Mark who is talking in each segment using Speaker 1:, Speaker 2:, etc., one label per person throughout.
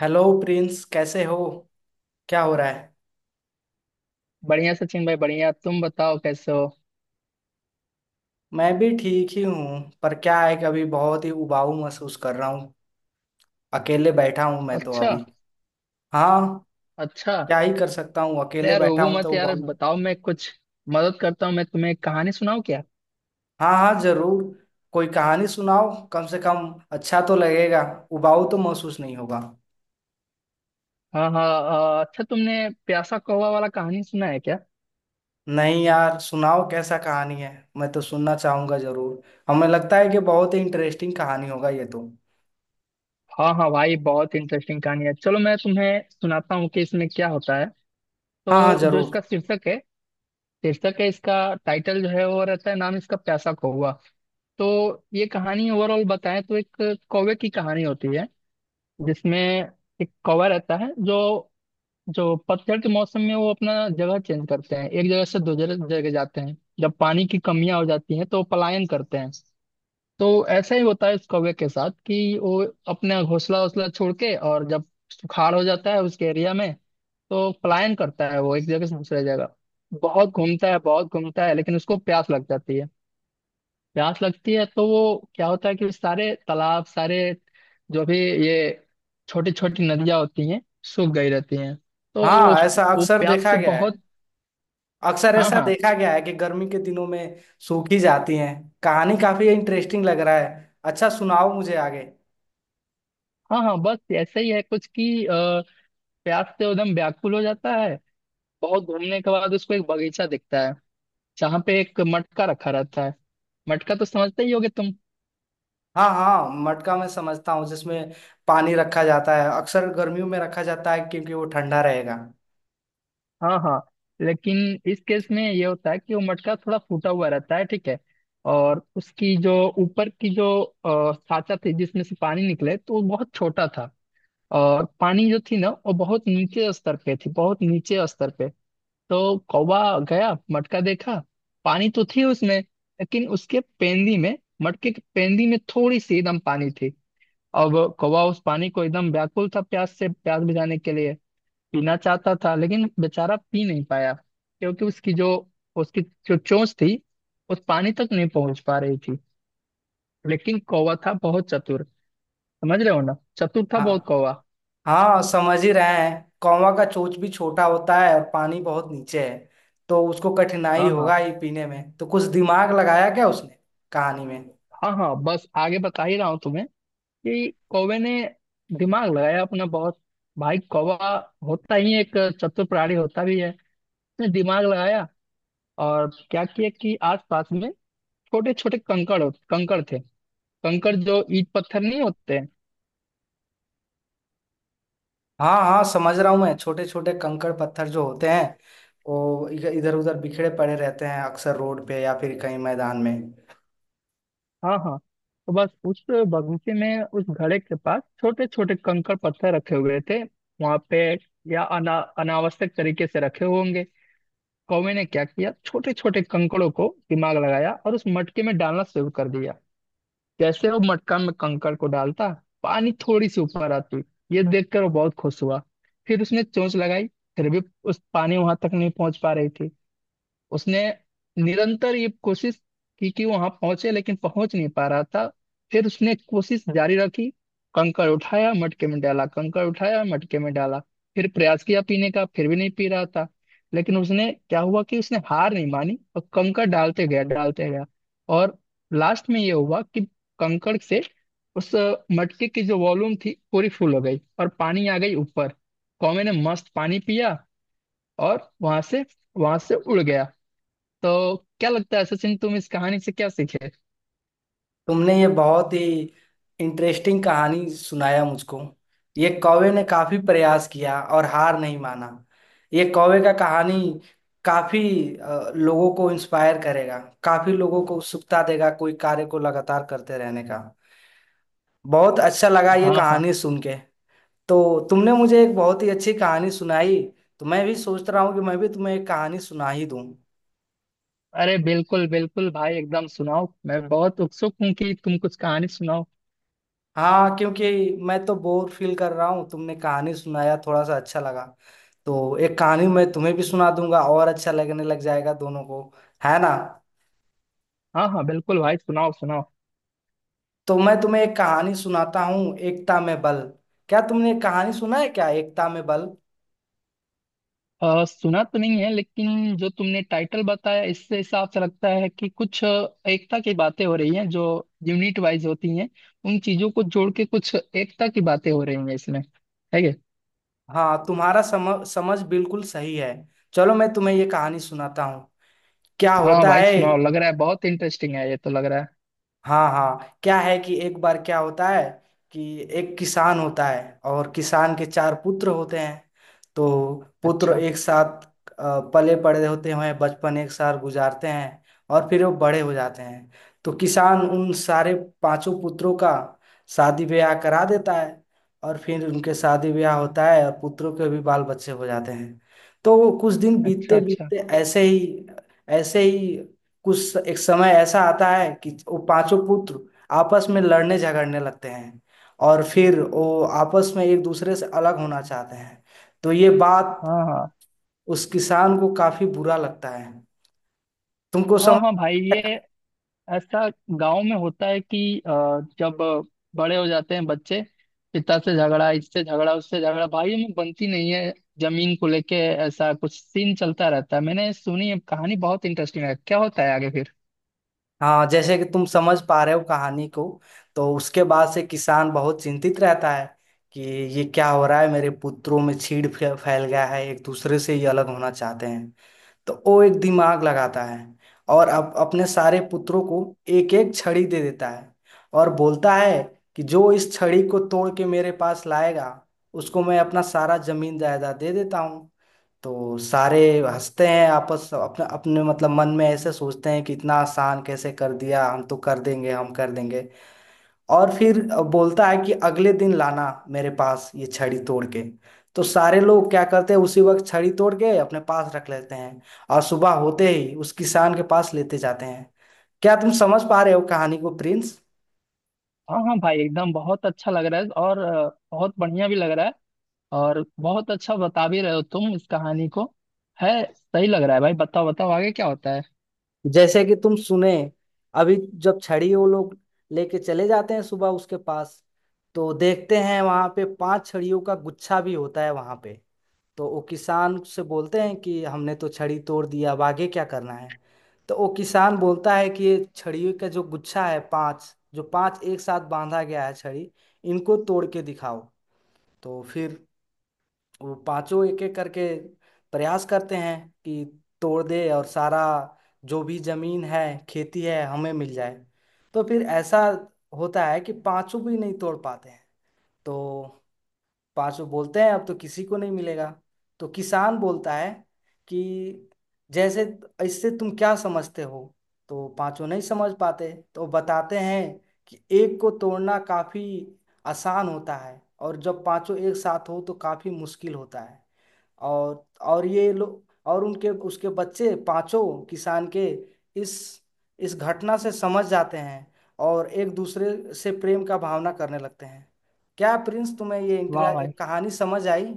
Speaker 1: Hello Prince, कैसे हो। क्या हो रहा है।
Speaker 2: बढ़िया सचिन भाई, बढ़िया। तुम बताओ, कैसे हो?
Speaker 1: मैं भी ठीक ही हूँ, पर क्या है कि अभी बहुत ही उबाऊ महसूस कर रहा हूँ। अकेले बैठा हूँ मैं तो
Speaker 2: अच्छा।
Speaker 1: अभी। हाँ।
Speaker 2: अच्छा।
Speaker 1: क्या ही कर सकता हूँ,
Speaker 2: अरे
Speaker 1: अकेले
Speaker 2: यार,
Speaker 1: बैठा
Speaker 2: रोबो
Speaker 1: हूँ
Speaker 2: मत
Speaker 1: तो
Speaker 2: यार,
Speaker 1: उबाऊ।
Speaker 2: बताओ, मैं कुछ मदद करता हूँ। मैं तुम्हें एक कहानी सुनाऊँ क्या?
Speaker 1: हाँ हाँ, जरूर। कोई कहानी सुनाओ, कम से कम अच्छा तो लगेगा। उबाऊ तो महसूस नहीं होगा।
Speaker 2: हाँ हाँ। अच्छा, तुमने प्यासा कौवा वाला कहानी सुना है क्या?
Speaker 1: नहीं यार, सुनाओ कैसा कहानी है। मैं तो सुनना चाहूंगा जरूर। हमें लगता है कि बहुत ही इंटरेस्टिंग कहानी होगा ये तो।
Speaker 2: हाँ हाँ भाई, बहुत इंटरेस्टिंग कहानी है। चलो मैं तुम्हें सुनाता हूँ कि इसमें क्या होता है।
Speaker 1: हाँ हाँ,
Speaker 2: तो जो
Speaker 1: जरूर।
Speaker 2: इसका शीर्षक है, शीर्षक है इसका, टाइटल जो है वो रहता है, नाम इसका प्यासा कौवा। तो ये कहानी ओवरऑल बताएं तो एक कौवे की कहानी होती है, जिसमें एक कौवा रहता है जो जो पतझड़ के मौसम में वो अपना जगह चेंज करते हैं, एक जगह से दूसरे जगह जाते हैं। जब पानी की कमियां हो जाती हैं तो वो पलायन करते हैं। तो ऐसा ही होता है इस कौवे के साथ कि वो अपना घोंसला वोसला छोड़ के, और जब सुखाड़ हो जाता है उसके एरिया में तो पलायन करता है वो एक जगह से दूसरे जगह। बहुत घूमता है, बहुत घूमता है, लेकिन उसको प्यास लग जाती है। प्यास लगती है तो वो क्या होता है कि सारे तालाब, सारे जो भी ये छोटी छोटी नदियां होती हैं सूख गई रहती हैं। तो वो
Speaker 1: हाँ, ऐसा
Speaker 2: वो
Speaker 1: अक्सर
Speaker 2: प्यास
Speaker 1: देखा
Speaker 2: से
Speaker 1: गया है।
Speaker 2: बहुत।
Speaker 1: अक्सर
Speaker 2: हाँ
Speaker 1: ऐसा
Speaker 2: हाँ।
Speaker 1: देखा गया है कि गर्मी के दिनों में सूखी जाती हैं। कहानी काफी इंटरेस्टिंग लग रहा है, अच्छा सुनाओ मुझे आगे।
Speaker 2: हाँ हाँ, बस ऐसे ही है कुछ कि प्यास से एकदम व्याकुल हो जाता है। बहुत घूमने के बाद उसको एक बगीचा दिखता है जहाँ पे एक मटका रखा रहता है। मटका तो समझते ही होगे।
Speaker 1: हाँ हाँ, मटका मैं समझता हूँ, जिसमें पानी रखा जाता है। अक्सर गर्मियों में रखा जाता है क्योंकि वो ठंडा रहेगा।
Speaker 2: हाँ हाँ। लेकिन इस केस में ये होता है कि वो मटका थोड़ा फूटा हुआ रहता है, ठीक है। और उसकी जो ऊपर की जो साचा थी जिसमें से पानी निकले, तो वो बहुत छोटा था। और पानी जो थी ना, वो बहुत नीचे स्तर पे थी, बहुत नीचे स्तर पे। तो कौवा गया, मटका देखा। पानी तो थी उसमें लेकिन उसके पेंदी में, मटके के पेंदी में थोड़ी सी एकदम पानी थी। अब कौवा उस पानी को एकदम व्याकुल था प्यास से, प्यास बुझाने के लिए पीना चाहता था, लेकिन बेचारा पी नहीं पाया, क्योंकि उसकी जो चोंच थी उस पानी तक नहीं पहुंच पा रही थी। लेकिन कौवा था बहुत चतुर। समझ रहे हो ना, चतुर था बहुत
Speaker 1: हाँ
Speaker 2: कौवा।
Speaker 1: हाँ, समझ ही रहे हैं। कौवा का चोंच भी छोटा होता है और पानी बहुत नीचे है, तो उसको कठिनाई
Speaker 2: हाँ हाँ।
Speaker 1: होगा ही पीने में। तो कुछ दिमाग लगाया क्या उसने कहानी में।
Speaker 2: हाँ हाँ, बस आगे बता ही रहा हूँ तुम्हें कि कौवे ने दिमाग लगाया अपना बहुत। भाई कौवा होता ही एक चतुर प्राणी होता भी है। उसने दिमाग लगाया और क्या किया कि आसपास में छोटे छोटे कंकड़, कंकड़ थे, कंकड़ जो ईट पत्थर नहीं होते।
Speaker 1: हाँ हाँ, समझ रहा हूँ मैं। छोटे छोटे कंकड़ पत्थर जो होते हैं वो इधर उधर बिखरे पड़े रहते हैं, अक्सर रोड पे या फिर कहीं मैदान में।
Speaker 2: हाँ हाँ। तो बस उस बगीचे में उस घड़े के पास छोटे छोटे कंकड़ पत्थर रखे हुए थे वहां पे, या अनावश्यक तरीके से रखे हुए होंगे। कौवे ने क्या किया, छोटे छोटे कंकड़ों को दिमाग लगाया और उस मटके में डालना शुरू कर दिया। जैसे वो मटका में कंकड़ को डालता, पानी थोड़ी सी ऊपर आती। ये देखकर वो बहुत खुश हुआ। फिर उसने चोंच लगाई, फिर भी उस पानी वहां तक नहीं पहुंच पा रही थी। उसने निरंतर ये कोशिश की कि वहां पहुंचे, लेकिन पहुंच नहीं पा रहा था। फिर उसने कोशिश जारी रखी। कंकड़ उठाया मटके में डाला, कंकड़ उठाया मटके में डाला। फिर प्रयास किया पीने का, फिर भी नहीं पी रहा था। लेकिन उसने क्या हुआ कि उसने हार नहीं मानी और कंकड़ डालते गया, डालते गया। और लास्ट में ये हुआ कि कंकड़ से उस मटके की जो वॉल्यूम थी पूरी फुल हो गई और पानी आ गई ऊपर। कौवे ने मस्त पानी पिया और वहां से उड़ गया। तो क्या लगता है सचिन, तुम इस कहानी से क्या सीखे?
Speaker 1: तुमने ये बहुत ही इंटरेस्टिंग कहानी सुनाया मुझको। ये कौवे ने काफी प्रयास किया और हार नहीं माना। ये कौवे का कहानी काफी लोगों को इंस्पायर करेगा। काफी लोगों को उत्सुकता देगा कोई कार्य को लगातार करते रहने का। बहुत अच्छा लगा ये
Speaker 2: हाँ हाँ।
Speaker 1: कहानी सुन के। तो तुमने मुझे एक बहुत ही अच्छी कहानी सुनाई। तो मैं भी सोच रहा हूँ कि मैं भी तुम्हें एक कहानी सुना ही दूँ।
Speaker 2: अरे बिल्कुल बिल्कुल भाई, एकदम सुनाओ, मैं बहुत उत्सुक हूँ कि तुम कुछ कहानी सुनाओ।
Speaker 1: हाँ, क्योंकि मैं तो बोर फील कर रहा हूँ। तुमने कहानी सुनाया थोड़ा सा अच्छा लगा, तो एक कहानी मैं तुम्हें भी सुना दूंगा और अच्छा लगने लग जाएगा दोनों को। है ना।
Speaker 2: हाँ हाँ बिल्कुल भाई, सुनाओ सुनाओ।
Speaker 1: तो मैं तुम्हें एक कहानी सुनाता हूँ, एकता में बल। क्या तुमने एक कहानी सुना है क्या, एकता में बल।
Speaker 2: सुना तो नहीं है, लेकिन जो तुमने टाइटल बताया इससे हिसाब से लगता है कि कुछ एकता की बातें हो रही हैं जो यूनिट वाइज होती हैं, उन चीजों को जोड़ के कुछ एकता की बातें हो रही हैं इसमें। है ये?
Speaker 1: हाँ, तुम्हारा समझ समझ बिल्कुल सही है। चलो मैं तुम्हें ये कहानी सुनाता हूँ क्या
Speaker 2: हाँ
Speaker 1: होता
Speaker 2: भाई
Speaker 1: है।
Speaker 2: सुनाओ, लग रहा है बहुत इंटरेस्टिंग है ये तो, लग रहा है।
Speaker 1: हाँ हाँ, क्या है कि एक बार क्या होता है कि एक किसान होता है और किसान के चार पुत्र होते हैं। तो पुत्र
Speaker 2: अच्छा
Speaker 1: एक साथ पले बड़े होते हैं, बचपन एक साथ गुजारते हैं। और फिर वो बड़े हो जाते हैं। तो किसान उन सारे पांचों पुत्रों का शादी ब्याह करा देता है। और फिर उनके शादी ब्याह होता है और पुत्रों के भी बाल बच्चे हो जाते हैं। तो कुछ दिन
Speaker 2: अच्छा।
Speaker 1: बीतते
Speaker 2: अच्छा।
Speaker 1: बीतते ऐसे ही कुछ एक समय ऐसा आता है कि वो पांचों पुत्र आपस में लड़ने झगड़ने लगते हैं। और फिर वो आपस में एक दूसरे से अलग होना चाहते हैं। तो ये बात
Speaker 2: हाँ हाँ।
Speaker 1: उस किसान को काफी बुरा लगता है। तुमको
Speaker 2: हाँ
Speaker 1: समझ।
Speaker 2: हाँ भाई, ये ऐसा गांव में होता है कि जब बड़े हो जाते हैं बच्चे, पिता से झगड़ा, इससे झगड़ा, उससे झगड़ा, भाइयों में बनती नहीं है, जमीन को लेके ऐसा कुछ सीन चलता रहता है। मैंने सुनी है कहानी, बहुत इंटरेस्टिंग है। क्या होता है आगे फिर?
Speaker 1: हाँ, जैसे कि तुम समझ पा रहे हो कहानी को। तो उसके बाद से किसान बहुत चिंतित रहता है कि ये क्या हो रहा है, मेरे पुत्रों में चीड़ फैल गया है, एक दूसरे से ये अलग होना चाहते हैं। तो वो एक दिमाग लगाता है। और अब अपने सारे पुत्रों को एक एक छड़ी दे देता है और बोलता है कि जो इस छड़ी को तोड़ के मेरे पास लाएगा उसको मैं अपना सारा जमीन जायदाद दे देता हूँ। तो सारे हंसते हैं, आपस अपने अपने मतलब मन में ऐसे सोचते हैं कि इतना आसान कैसे कर दिया, हम तो कर देंगे हम कर देंगे। और फिर बोलता है कि अगले दिन लाना मेरे पास ये छड़ी तोड़ के। तो सारे लोग क्या करते हैं, उसी वक्त छड़ी तोड़ के अपने पास रख लेते हैं। और सुबह होते ही उस किसान के पास लेते जाते हैं। क्या तुम समझ पा रहे हो कहानी को प्रिंस।
Speaker 2: हाँ हाँ भाई, एकदम बहुत अच्छा लग रहा है और बहुत बढ़िया भी लग रहा है। और बहुत अच्छा बता भी रहे हो तुम इस कहानी को। है, सही लग रहा है भाई, बताओ बताओ आगे क्या होता है।
Speaker 1: जैसे कि तुम सुने अभी, जब छड़ी वो लोग लेके चले जाते हैं सुबह उसके पास, तो देखते हैं वहां पे पांच छड़ियों का गुच्छा भी होता है वहां पे। तो वो किसान से बोलते हैं कि हमने तो छड़ी तोड़ दिया, अब आगे क्या करना है। तो वो किसान बोलता है कि ये छड़ियों का जो गुच्छा है, पांच जो पांच एक साथ बांधा गया है छड़ी, इनको तोड़ के दिखाओ। तो फिर वो पांचों एक एक करके प्रयास करते हैं कि तोड़ दे और सारा जो भी जमीन है खेती है हमें मिल जाए। तो फिर ऐसा होता है कि पांचों भी नहीं तोड़ पाते हैं। तो पांचों बोलते हैं अब तो किसी को नहीं मिलेगा। तो किसान बोलता है कि जैसे, इससे तुम क्या समझते हो। तो पांचों नहीं समझ पाते, तो बताते हैं कि एक को तोड़ना काफी आसान होता है, और जब पांचों एक साथ हो तो काफी मुश्किल होता है। और ये लोग और उनके उसके बच्चे पांचों किसान के इस इस घटना से समझ जाते हैं और एक दूसरे से प्रेम का भावना करने लगते हैं। क्या प्रिंस, तुम्हें ये
Speaker 2: वाह भाई,
Speaker 1: कहानी समझ आई।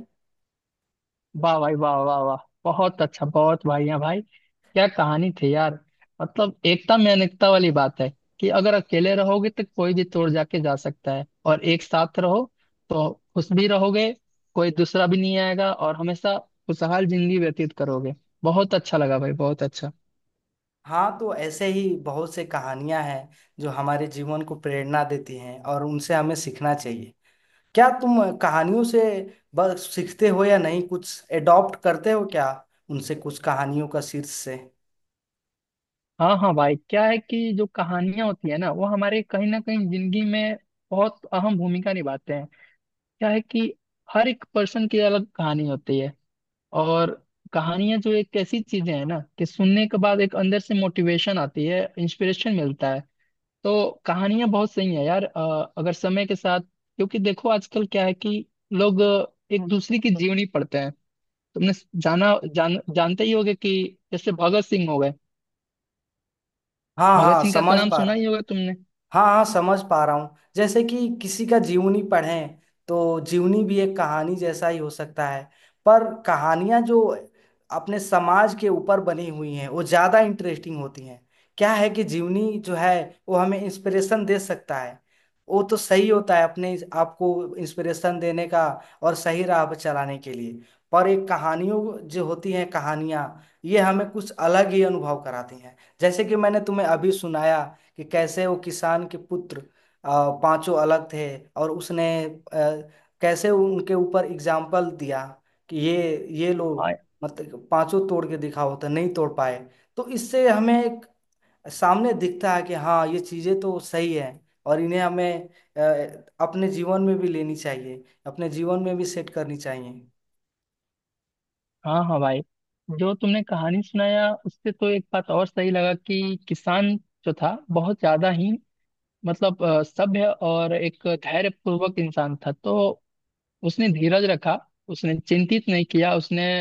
Speaker 2: वाह भाई, वाह वाह वाह। बहुत अच्छा, बहुत बढ़िया भाई, क्या कहानी थी यार। मतलब एकता में अनेकता वाली बात है कि अगर अकेले रहोगे तो कोई भी तोड़ जाके जा सकता है, और एक साथ रहो तो खुश भी रहोगे, कोई दूसरा भी नहीं आएगा, और हमेशा खुशहाल जिंदगी व्यतीत करोगे। बहुत अच्छा लगा भाई, बहुत अच्छा।
Speaker 1: हाँ, तो ऐसे ही बहुत से कहानियां हैं जो हमारे जीवन को प्रेरणा देती हैं और उनसे हमें सीखना चाहिए। क्या तुम कहानियों से बस सीखते हो या नहीं कुछ एडॉप्ट करते हो क्या उनसे, कुछ कहानियों का शीर्ष से।
Speaker 2: हाँ हाँ भाई, क्या है कि जो कहानियां होती है ना, वो हमारे कहीं ना कहीं जिंदगी में बहुत अहम भूमिका निभाते हैं। क्या है कि हर एक पर्सन की अलग कहानी होती है। और कहानियां जो एक ऐसी चीजें हैं ना कि सुनने के बाद एक अंदर से मोटिवेशन आती है, इंस्पिरेशन मिलता है। तो कहानियां बहुत सही है यार, अगर समय के साथ, क्योंकि देखो आजकल क्या है कि लोग एक दूसरे की जीवनी पढ़ते हैं। तुमने जाना जान जानते ही होगे कि जैसे भगत सिंह हो गए।
Speaker 1: हाँ
Speaker 2: भगत
Speaker 1: हाँ,
Speaker 2: सिंह का तो
Speaker 1: समझ
Speaker 2: नाम
Speaker 1: पा
Speaker 2: सुना
Speaker 1: रहा हूँ।
Speaker 2: ही होगा तुमने।
Speaker 1: हाँ हाँ, समझ पा रहा हूँ। जैसे कि किसी का जीवनी पढ़ें, तो जीवनी भी एक कहानी जैसा ही हो सकता है। पर कहानियाँ जो अपने समाज के ऊपर बनी हुई हैं वो ज़्यादा इंटरेस्टिंग होती हैं। क्या है कि जीवनी जो है वो हमें इंस्पिरेशन दे सकता है। वो तो सही होता है अपने आपको इंस्पिरेशन देने का और सही राह पर चलाने के लिए। पर एक कहानियों जो होती हैं कहानियाँ, ये हमें कुछ अलग ही अनुभव कराती हैं, जैसे कि मैंने तुम्हें अभी सुनाया कि कैसे वो किसान के पुत्र पांचों अलग थे और उसने कैसे उनके ऊपर एग्जाम्पल दिया कि ये
Speaker 2: हाँ
Speaker 1: लोग मतलब पांचों तोड़ के दिखाओ तो नहीं तोड़ पाए। तो इससे हमें एक सामने दिखता है कि हाँ, ये चीजें तो सही है और इन्हें हमें अ, अपने जीवन में भी लेनी चाहिए, अपने जीवन में भी सेट करनी चाहिए।
Speaker 2: हाँ। हाँ भाई, जो तुमने कहानी सुनाया उससे तो एक बात और सही लगा कि किसान जो था बहुत ज्यादा ही, मतलब सभ्य और एक धैर्यपूर्वक इंसान था। तो उसने धीरज रखा, उसने चिंतित नहीं किया, उसने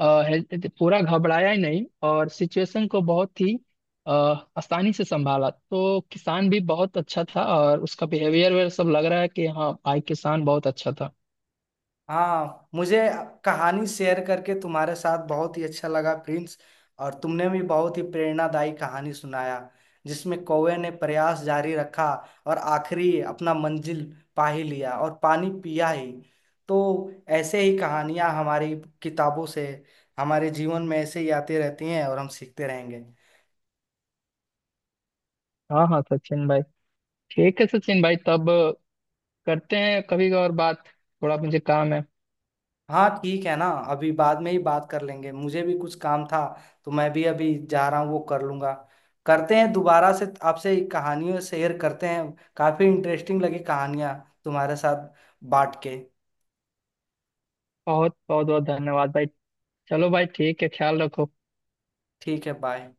Speaker 2: पूरा घबराया ही नहीं, और सिचुएशन को बहुत ही अ, आसानी से संभाला। तो किसान भी बहुत अच्छा था और उसका बिहेवियर वेयर सब लग रहा है कि हाँ भाई, किसान बहुत अच्छा था।
Speaker 1: हाँ, मुझे कहानी शेयर करके तुम्हारे साथ बहुत ही अच्छा लगा प्रिंस। और तुमने भी बहुत ही प्रेरणादायी कहानी सुनाया जिसमें कौवे ने प्रयास जारी रखा और आखिरी अपना मंजिल पा ही लिया और पानी पिया ही। तो ऐसे ही कहानियां हमारी किताबों से हमारे जीवन में ऐसे ही आती रहती हैं और हम सीखते रहेंगे।
Speaker 2: हाँ हाँ सचिन भाई। ठीक है सचिन भाई, तब करते हैं कभी और बात, थोड़ा मुझे काम है।
Speaker 1: हाँ, ठीक है ना। अभी बाद में ही बात कर लेंगे, मुझे भी कुछ काम था। तो मैं भी अभी जा रहा हूँ, वो कर लूंगा। करते हैं दोबारा से आपसे कहानियों शेयर करते हैं, काफी इंटरेस्टिंग लगी कहानियाँ तुम्हारे साथ बांट के।
Speaker 2: बहुत बहुत बहुत धन्यवाद भाई। चलो भाई, ठीक है, ख्याल रखो।
Speaker 1: ठीक है, बाय।